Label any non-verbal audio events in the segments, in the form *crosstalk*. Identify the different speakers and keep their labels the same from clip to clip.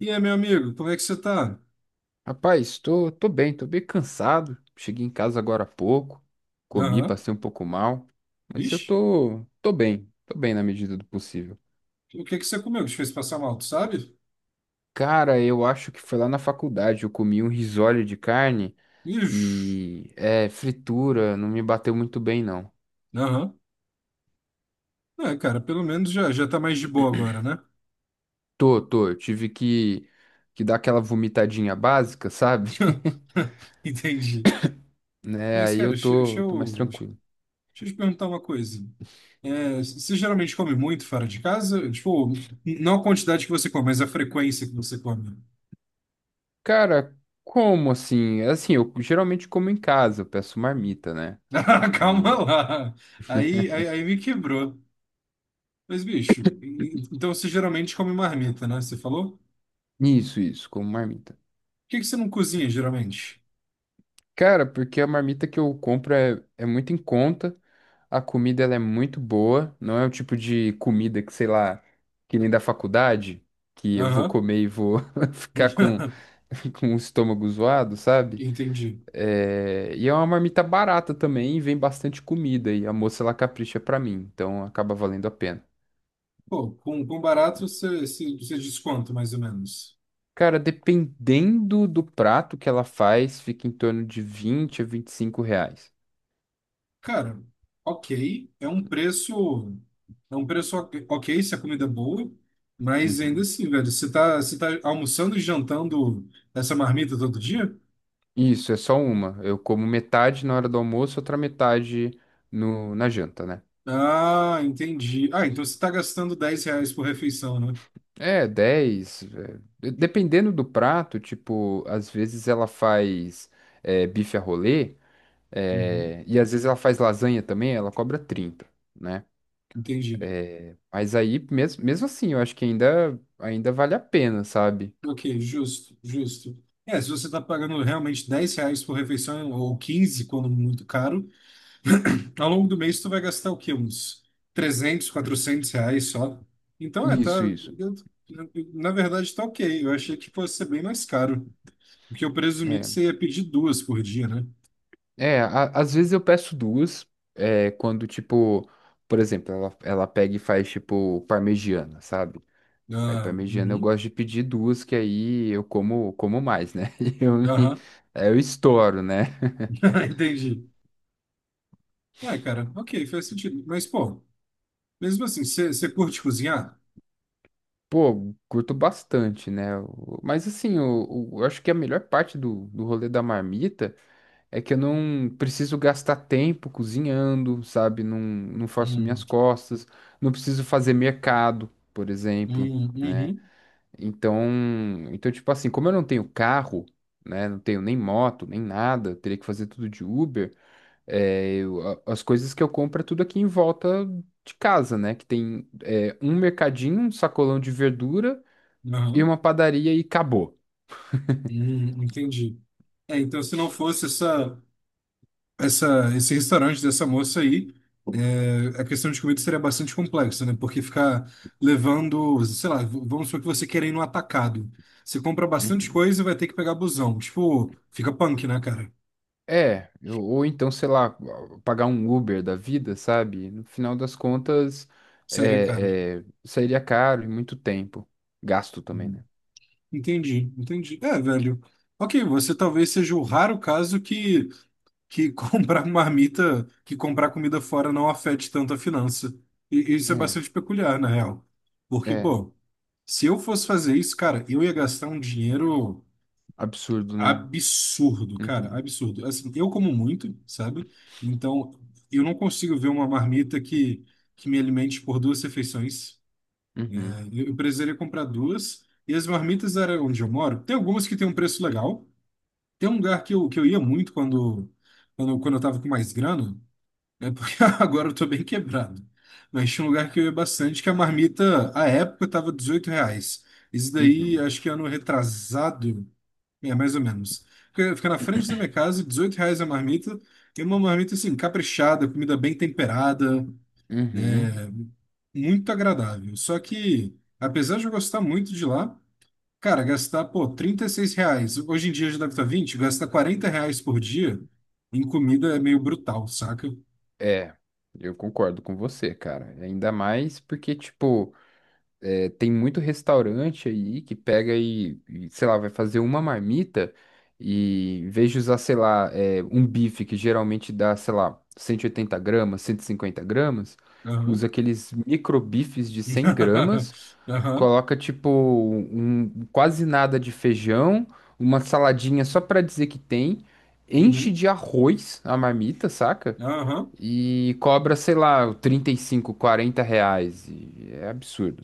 Speaker 1: E aí, meu amigo, como é que você tá?
Speaker 2: Rapaz, tô bem, tô bem cansado. Cheguei em casa agora há pouco, comi,
Speaker 1: Aham.
Speaker 2: passei um pouco mal, mas eu
Speaker 1: Vixe,
Speaker 2: tô bem na medida do possível.
Speaker 1: o que que você comeu que te fez passar mal, tu sabe?
Speaker 2: Cara, eu acho que foi lá na faculdade, eu comi um risole de carne
Speaker 1: Ixi.
Speaker 2: e é fritura, não me bateu muito bem não.
Speaker 1: Aham. É, cara, pelo menos já tá mais de boa agora, né?
Speaker 2: Tô, eu tive que dar aquela vomitadinha básica, sabe? *laughs*
Speaker 1: *laughs* Entendi.
Speaker 2: Né?
Speaker 1: Mas,
Speaker 2: Aí
Speaker 1: cara,
Speaker 2: eu
Speaker 1: deixa, deixa
Speaker 2: tô mais
Speaker 1: eu, deixa
Speaker 2: tranquilo.
Speaker 1: eu te perguntar uma coisa. É, você geralmente come muito fora de casa? Tipo, não a quantidade que você come, mas a frequência que você come.
Speaker 2: Cara, como assim? Assim, eu geralmente como em casa, eu peço marmita, né?
Speaker 1: *laughs* Ah, calma lá. Aí me quebrou. Mas, bicho, então você geralmente come marmita, né? Você falou?
Speaker 2: Isso, como marmita.
Speaker 1: Que você não cozinha geralmente?
Speaker 2: Cara, porque a marmita que eu compro é muito em conta, a comida ela é muito boa, não é o tipo de comida que, sei lá, que nem da faculdade, que eu vou
Speaker 1: Aham.
Speaker 2: comer e vou *laughs* ficar com,
Speaker 1: *laughs*
Speaker 2: *laughs* com o estômago zoado, sabe?
Speaker 1: Entendi.
Speaker 2: É, e é uma marmita barata também, e vem bastante comida, e a moça ela capricha pra mim, então acaba valendo a pena.
Speaker 1: Pô, com barato você, você desconta mais ou menos.
Speaker 2: Cara, dependendo do prato que ela faz, fica em torno de R$ 20 a R$ 25.
Speaker 1: Cara, ok, é um preço ok, ok se a comida é boa, mas ainda
Speaker 2: Uhum.
Speaker 1: assim, velho, você tá almoçando e jantando essa marmita todo dia?
Speaker 2: Isso, é só uma. Eu como metade na hora do almoço, outra metade no, na janta, né?
Speaker 1: Ah, entendi. Ah, então você tá gastando 10 reais por refeição, né?
Speaker 2: É, 10, é, dependendo do prato, tipo, às vezes ela faz é, bife a rolê,
Speaker 1: Uhum,
Speaker 2: é, e às vezes ela faz lasanha também, ela cobra 30, né?
Speaker 1: entendi.
Speaker 2: É, mas aí, mesmo, mesmo assim, eu acho que ainda vale a pena, sabe?
Speaker 1: Ok, justo, justo. É, se você está pagando realmente 10 reais por refeição ou 15 quando muito caro, ao longo do mês tu vai gastar o quê? Uns 300 400 reais só. Então, é,
Speaker 2: Isso,
Speaker 1: tá.
Speaker 2: isso.
Speaker 1: eu- Na verdade, tá ok. Eu achei que fosse ser bem mais caro. Porque eu presumi que
Speaker 2: É.
Speaker 1: você ia pedir duas por dia, né?
Speaker 2: É, às vezes eu peço duas, é, quando, tipo, por exemplo, ela pega e faz, tipo, parmegiana, sabe? Aí,
Speaker 1: Ah,
Speaker 2: parmegiana eu
Speaker 1: uhum,
Speaker 2: gosto de pedir duas, que aí eu como mais, né? *laughs* E eu,
Speaker 1: aham,
Speaker 2: aí eu estouro, né?
Speaker 1: *laughs* entendi. Ué, cara, ok, faz sentido. Mas, pô, mesmo assim, você curte cozinhar?
Speaker 2: Pô, curto bastante, né? Mas, assim, eu acho que a melhor parte do rolê da marmita é que eu não preciso gastar tempo cozinhando, sabe? Não, não faço minhas
Speaker 1: Hum,
Speaker 2: costas, não preciso fazer mercado, por exemplo. Né?
Speaker 1: uhum,
Speaker 2: Então, tipo assim, como eu não tenho carro, né, não tenho nem moto, nem nada, eu teria que fazer tudo de Uber, é, as coisas que eu compro é tudo aqui em volta de casa, né, que tem é, um mercadinho, um sacolão de verdura e
Speaker 1: aham.
Speaker 2: uma padaria e acabou.
Speaker 1: Entendi. É, então, se não fosse esse restaurante dessa moça aí, é, a questão de comida seria bastante complexa, né? Porque ficar levando, sei lá, vamos supor que você quer ir no atacado. Você compra bastante
Speaker 2: Uhum.
Speaker 1: coisa e vai ter que pegar busão. Tipo, fica punk, né, cara?
Speaker 2: É, ou então, sei lá, pagar um Uber da vida, sabe? No final das contas,
Speaker 1: Seria caro.
Speaker 2: sairia caro e muito tempo. Gasto também,
Speaker 1: Hum.
Speaker 2: né?
Speaker 1: Entendi, entendi. É, velho. Ok, você talvez seja o raro caso que *laughs* comprar marmita, que comprar comida fora não afete tanto a finança. E isso é bastante peculiar, na real.
Speaker 2: É,
Speaker 1: Porque,
Speaker 2: é,
Speaker 1: pô, se eu fosse fazer isso, cara, eu ia gastar um dinheiro
Speaker 2: absurdo, né?
Speaker 1: absurdo, cara,
Speaker 2: Uhum.
Speaker 1: absurdo. Assim, eu como muito, sabe? Então, eu não consigo ver uma marmita que me alimente por duas refeições.
Speaker 2: Uhum,
Speaker 1: Eu precisaria comprar duas. E as marmitas, era onde eu moro, tem algumas que tem um preço legal. Tem um lugar que eu ia muito quando, quando eu tava com mais grana, é porque *laughs* agora eu tô bem quebrado. Mas tinha um lugar que eu ia bastante, que a marmita, à época, tava R$ 18. Isso daí,
Speaker 2: uhum,
Speaker 1: acho que ano retrasado, é, mais ou menos. Fica na frente da minha casa, R$ 18 a marmita, e uma marmita, assim, caprichada, comida bem temperada, né?
Speaker 2: uhum.
Speaker 1: Muito agradável. Só que, apesar de eu gostar muito de lá, cara, gastar, pô, R$ 36, hoje em dia já deve estar 20. Gastar R$ 40 por dia em comida é meio brutal, saca?
Speaker 2: É, eu concordo com você, cara. Ainda mais porque, tipo, é, tem muito restaurante aí que pega e, sei lá, vai fazer uma marmita e em vez de usar, sei lá, é, um bife que geralmente dá, sei lá, 180 gramas, 150 gramas,
Speaker 1: Aham.
Speaker 2: usa aqueles micro bifes de 100 gramas.
Speaker 1: *laughs* Aham,
Speaker 2: Coloca tipo um, quase nada de feijão, uma saladinha só pra dizer que tem, enche
Speaker 1: uhum,
Speaker 2: de arroz a marmita, saca?
Speaker 1: aham.
Speaker 2: E cobra, sei lá, R$ 35, R$ 40. E é absurdo.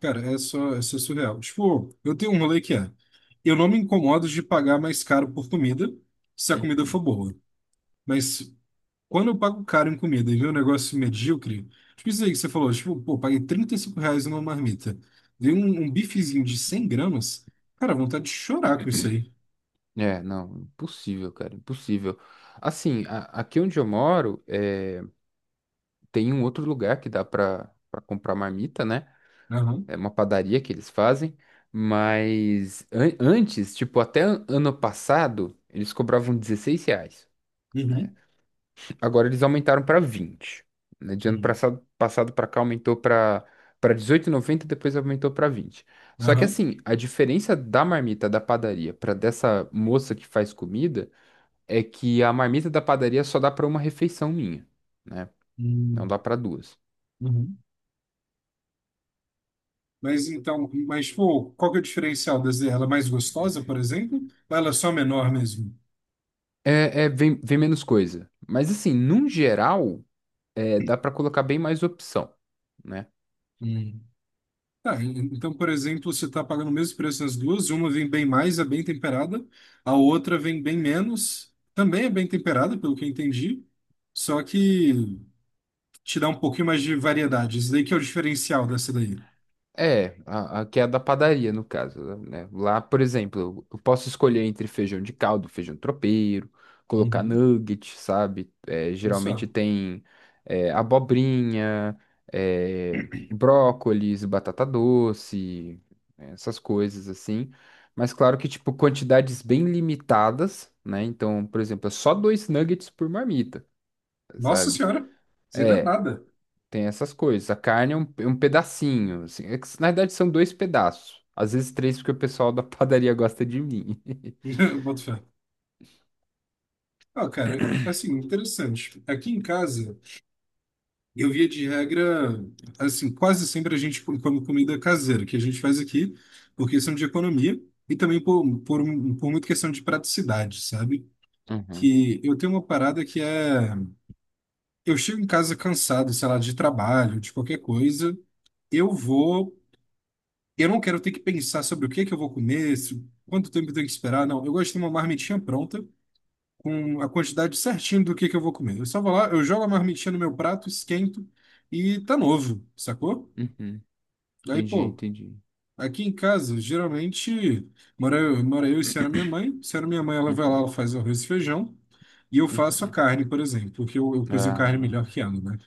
Speaker 1: Cara, é só, isso é surreal. Tipo, eu tenho um rolê que é, eu não me incomodo de pagar mais caro por comida, se a comida
Speaker 2: Hum.
Speaker 1: for boa. Mas quando eu pago caro em comida e vem um negócio medíocre, tipo isso aí que você falou, tipo, pô, paguei 35 reais numa marmita. Dei um, um bifezinho de 100 gramas, cara, vontade de chorar com isso aí.
Speaker 2: É, não, impossível, cara, impossível. Assim, aqui onde eu moro, é, tem um outro lugar que dá pra, pra comprar marmita, né?
Speaker 1: Aham,
Speaker 2: É uma padaria que eles fazem, mas antes, tipo, até ano passado, eles cobravam R$ 16, né?
Speaker 1: uhum,
Speaker 2: Agora eles aumentaram para 20. Né? De ano
Speaker 1: uhum,
Speaker 2: passado, passado para cá aumentou para 18,90, depois aumentou para 20. Só que
Speaker 1: aham,
Speaker 2: assim, a diferença da marmita da padaria para dessa moça que faz comida é que a marmita da padaria só dá para uma refeição minha, né? Não
Speaker 1: uhum,
Speaker 2: dá para duas.
Speaker 1: uhum. Mas então, mas tipo, qual que é o diferencial das dela? Ela é mais gostosa, por exemplo? Ou ela é só menor mesmo?
Speaker 2: É, é, vem, vem menos coisa. Mas assim, num geral, é, dá para colocar bem mais opção, né?
Speaker 1: Hum. Tá, então, por exemplo, você está pagando o mesmo preço nas duas, uma vem bem mais, é bem temperada, a outra vem bem menos, também é bem temperada, pelo que eu entendi, só que te dá um pouquinho mais de variedade. Isso daí que é o diferencial dessa daí.
Speaker 2: É, a que é a da padaria, no caso, né? Lá, por exemplo, eu posso escolher entre feijão de caldo, feijão tropeiro, colocar
Speaker 1: Uhum.
Speaker 2: nugget, sabe? É, geralmente
Speaker 1: Só.
Speaker 2: tem é, abobrinha, é, brócolis, batata doce, né, essas coisas assim. Mas claro que, tipo, quantidades bem limitadas, né? Então, por exemplo, é só dois nuggets por marmita,
Speaker 1: Nossa
Speaker 2: sabe?
Speaker 1: senhora, isso aí não é
Speaker 2: É,
Speaker 1: nada.
Speaker 2: tem essas coisas. A carne é um pedacinho, assim. É que, na verdade, são dois pedaços. Às vezes três, porque o pessoal da *laughs* padaria gosta de mim. *laughs*
Speaker 1: *laughs* Boto fé. Ah, cara, assim, interessante. Aqui em casa. Eu via de regra, assim, quase sempre a gente come comida caseira, que a gente faz aqui por questão de economia e também por muita questão de praticidade, sabe?
Speaker 2: Uhum,
Speaker 1: Que eu tenho uma parada que é, eu chego em casa cansado, sei lá, de trabalho, de qualquer coisa, eu vou, eu não quero ter que pensar sobre o que é que eu vou comer, quanto tempo eu tenho que esperar, não. Eu gosto de ter uma marmitinha pronta, com a quantidade certinha do que é que eu vou comer. Eu só vou lá, eu jogo a marmitinha no meu prato, esquento e tá novo, sacou?
Speaker 2: uhum.
Speaker 1: Aí,
Speaker 2: Entendi,
Speaker 1: pô,
Speaker 2: entendi.
Speaker 1: aqui em casa, geralmente, mora eu e se era minha mãe. Se era minha mãe, ela vai lá,
Speaker 2: Uhum,
Speaker 1: ela faz o arroz e feijão. E eu faço a
Speaker 2: uhum.
Speaker 1: carne, por exemplo, porque eu cozinho carne
Speaker 2: Ah,
Speaker 1: melhor que ela, né?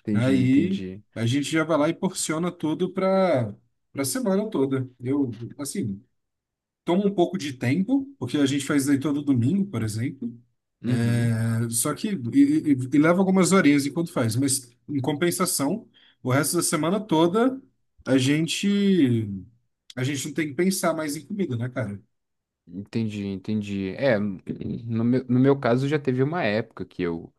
Speaker 2: entendi,
Speaker 1: Aí
Speaker 2: entendi.
Speaker 1: a gente já vai lá e porciona tudo para semana toda. Eu, assim, toma um pouco de tempo, porque a gente faz isso aí todo domingo, por exemplo.
Speaker 2: Uhum.
Speaker 1: É, só que e leva algumas horinhas enquanto faz, mas em compensação, o resto da semana toda a gente. A gente não tem que pensar mais em comida, né, cara?
Speaker 2: Entendi, entendi. É, no meu caso já teve uma época que eu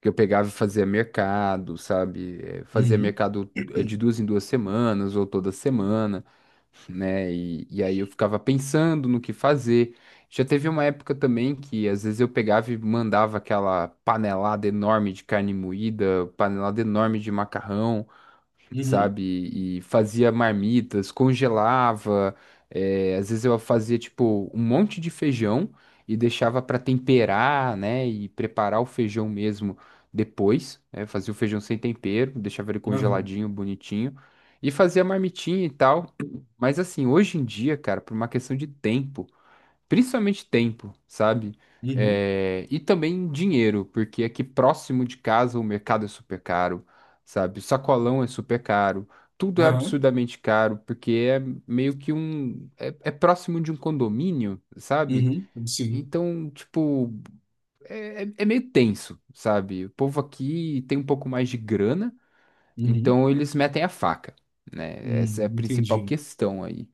Speaker 2: que eu pegava e fazia mercado, sabe? Eh, fazia
Speaker 1: Uhum,
Speaker 2: mercado, eh, de duas em duas semanas ou toda semana. Né? E aí eu ficava pensando no que fazer. Já teve uma época também que às vezes eu pegava e mandava aquela panelada enorme de carne moída, panelada enorme de macarrão,
Speaker 1: uhum,
Speaker 2: sabe? E fazia marmitas, congelava. É, às vezes eu fazia, tipo, um monte de feijão e deixava para temperar, né? E preparar o feijão mesmo depois. Né? Fazia o feijão sem tempero, deixava ele
Speaker 1: aham,
Speaker 2: congeladinho, bonitinho. E fazia marmitinha e tal. Mas assim, hoje em dia, cara, por uma questão de tempo. Principalmente tempo, sabe?
Speaker 1: uhum,
Speaker 2: É, e também dinheiro, porque aqui próximo de casa o mercado é super caro, sabe? O sacolão é super caro, tudo é
Speaker 1: aham,
Speaker 2: absurdamente caro, porque é meio que um. É, é próximo de um condomínio, sabe?
Speaker 1: uhum, sim.
Speaker 2: Então, tipo, é meio tenso, sabe? O povo aqui tem um pouco mais de grana,
Speaker 1: Uhum.
Speaker 2: então eles metem a faca, né? Essa é a principal
Speaker 1: Entendi.
Speaker 2: questão aí.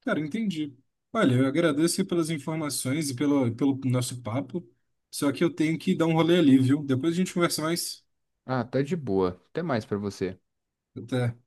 Speaker 1: Cara, entendi. Olha, eu agradeço aí pelas informações e pelo nosso papo. Só que eu tenho que dar um rolê ali, viu? Depois a gente conversa mais.
Speaker 2: Ah, tá de boa. Até mais pra você.
Speaker 1: Até.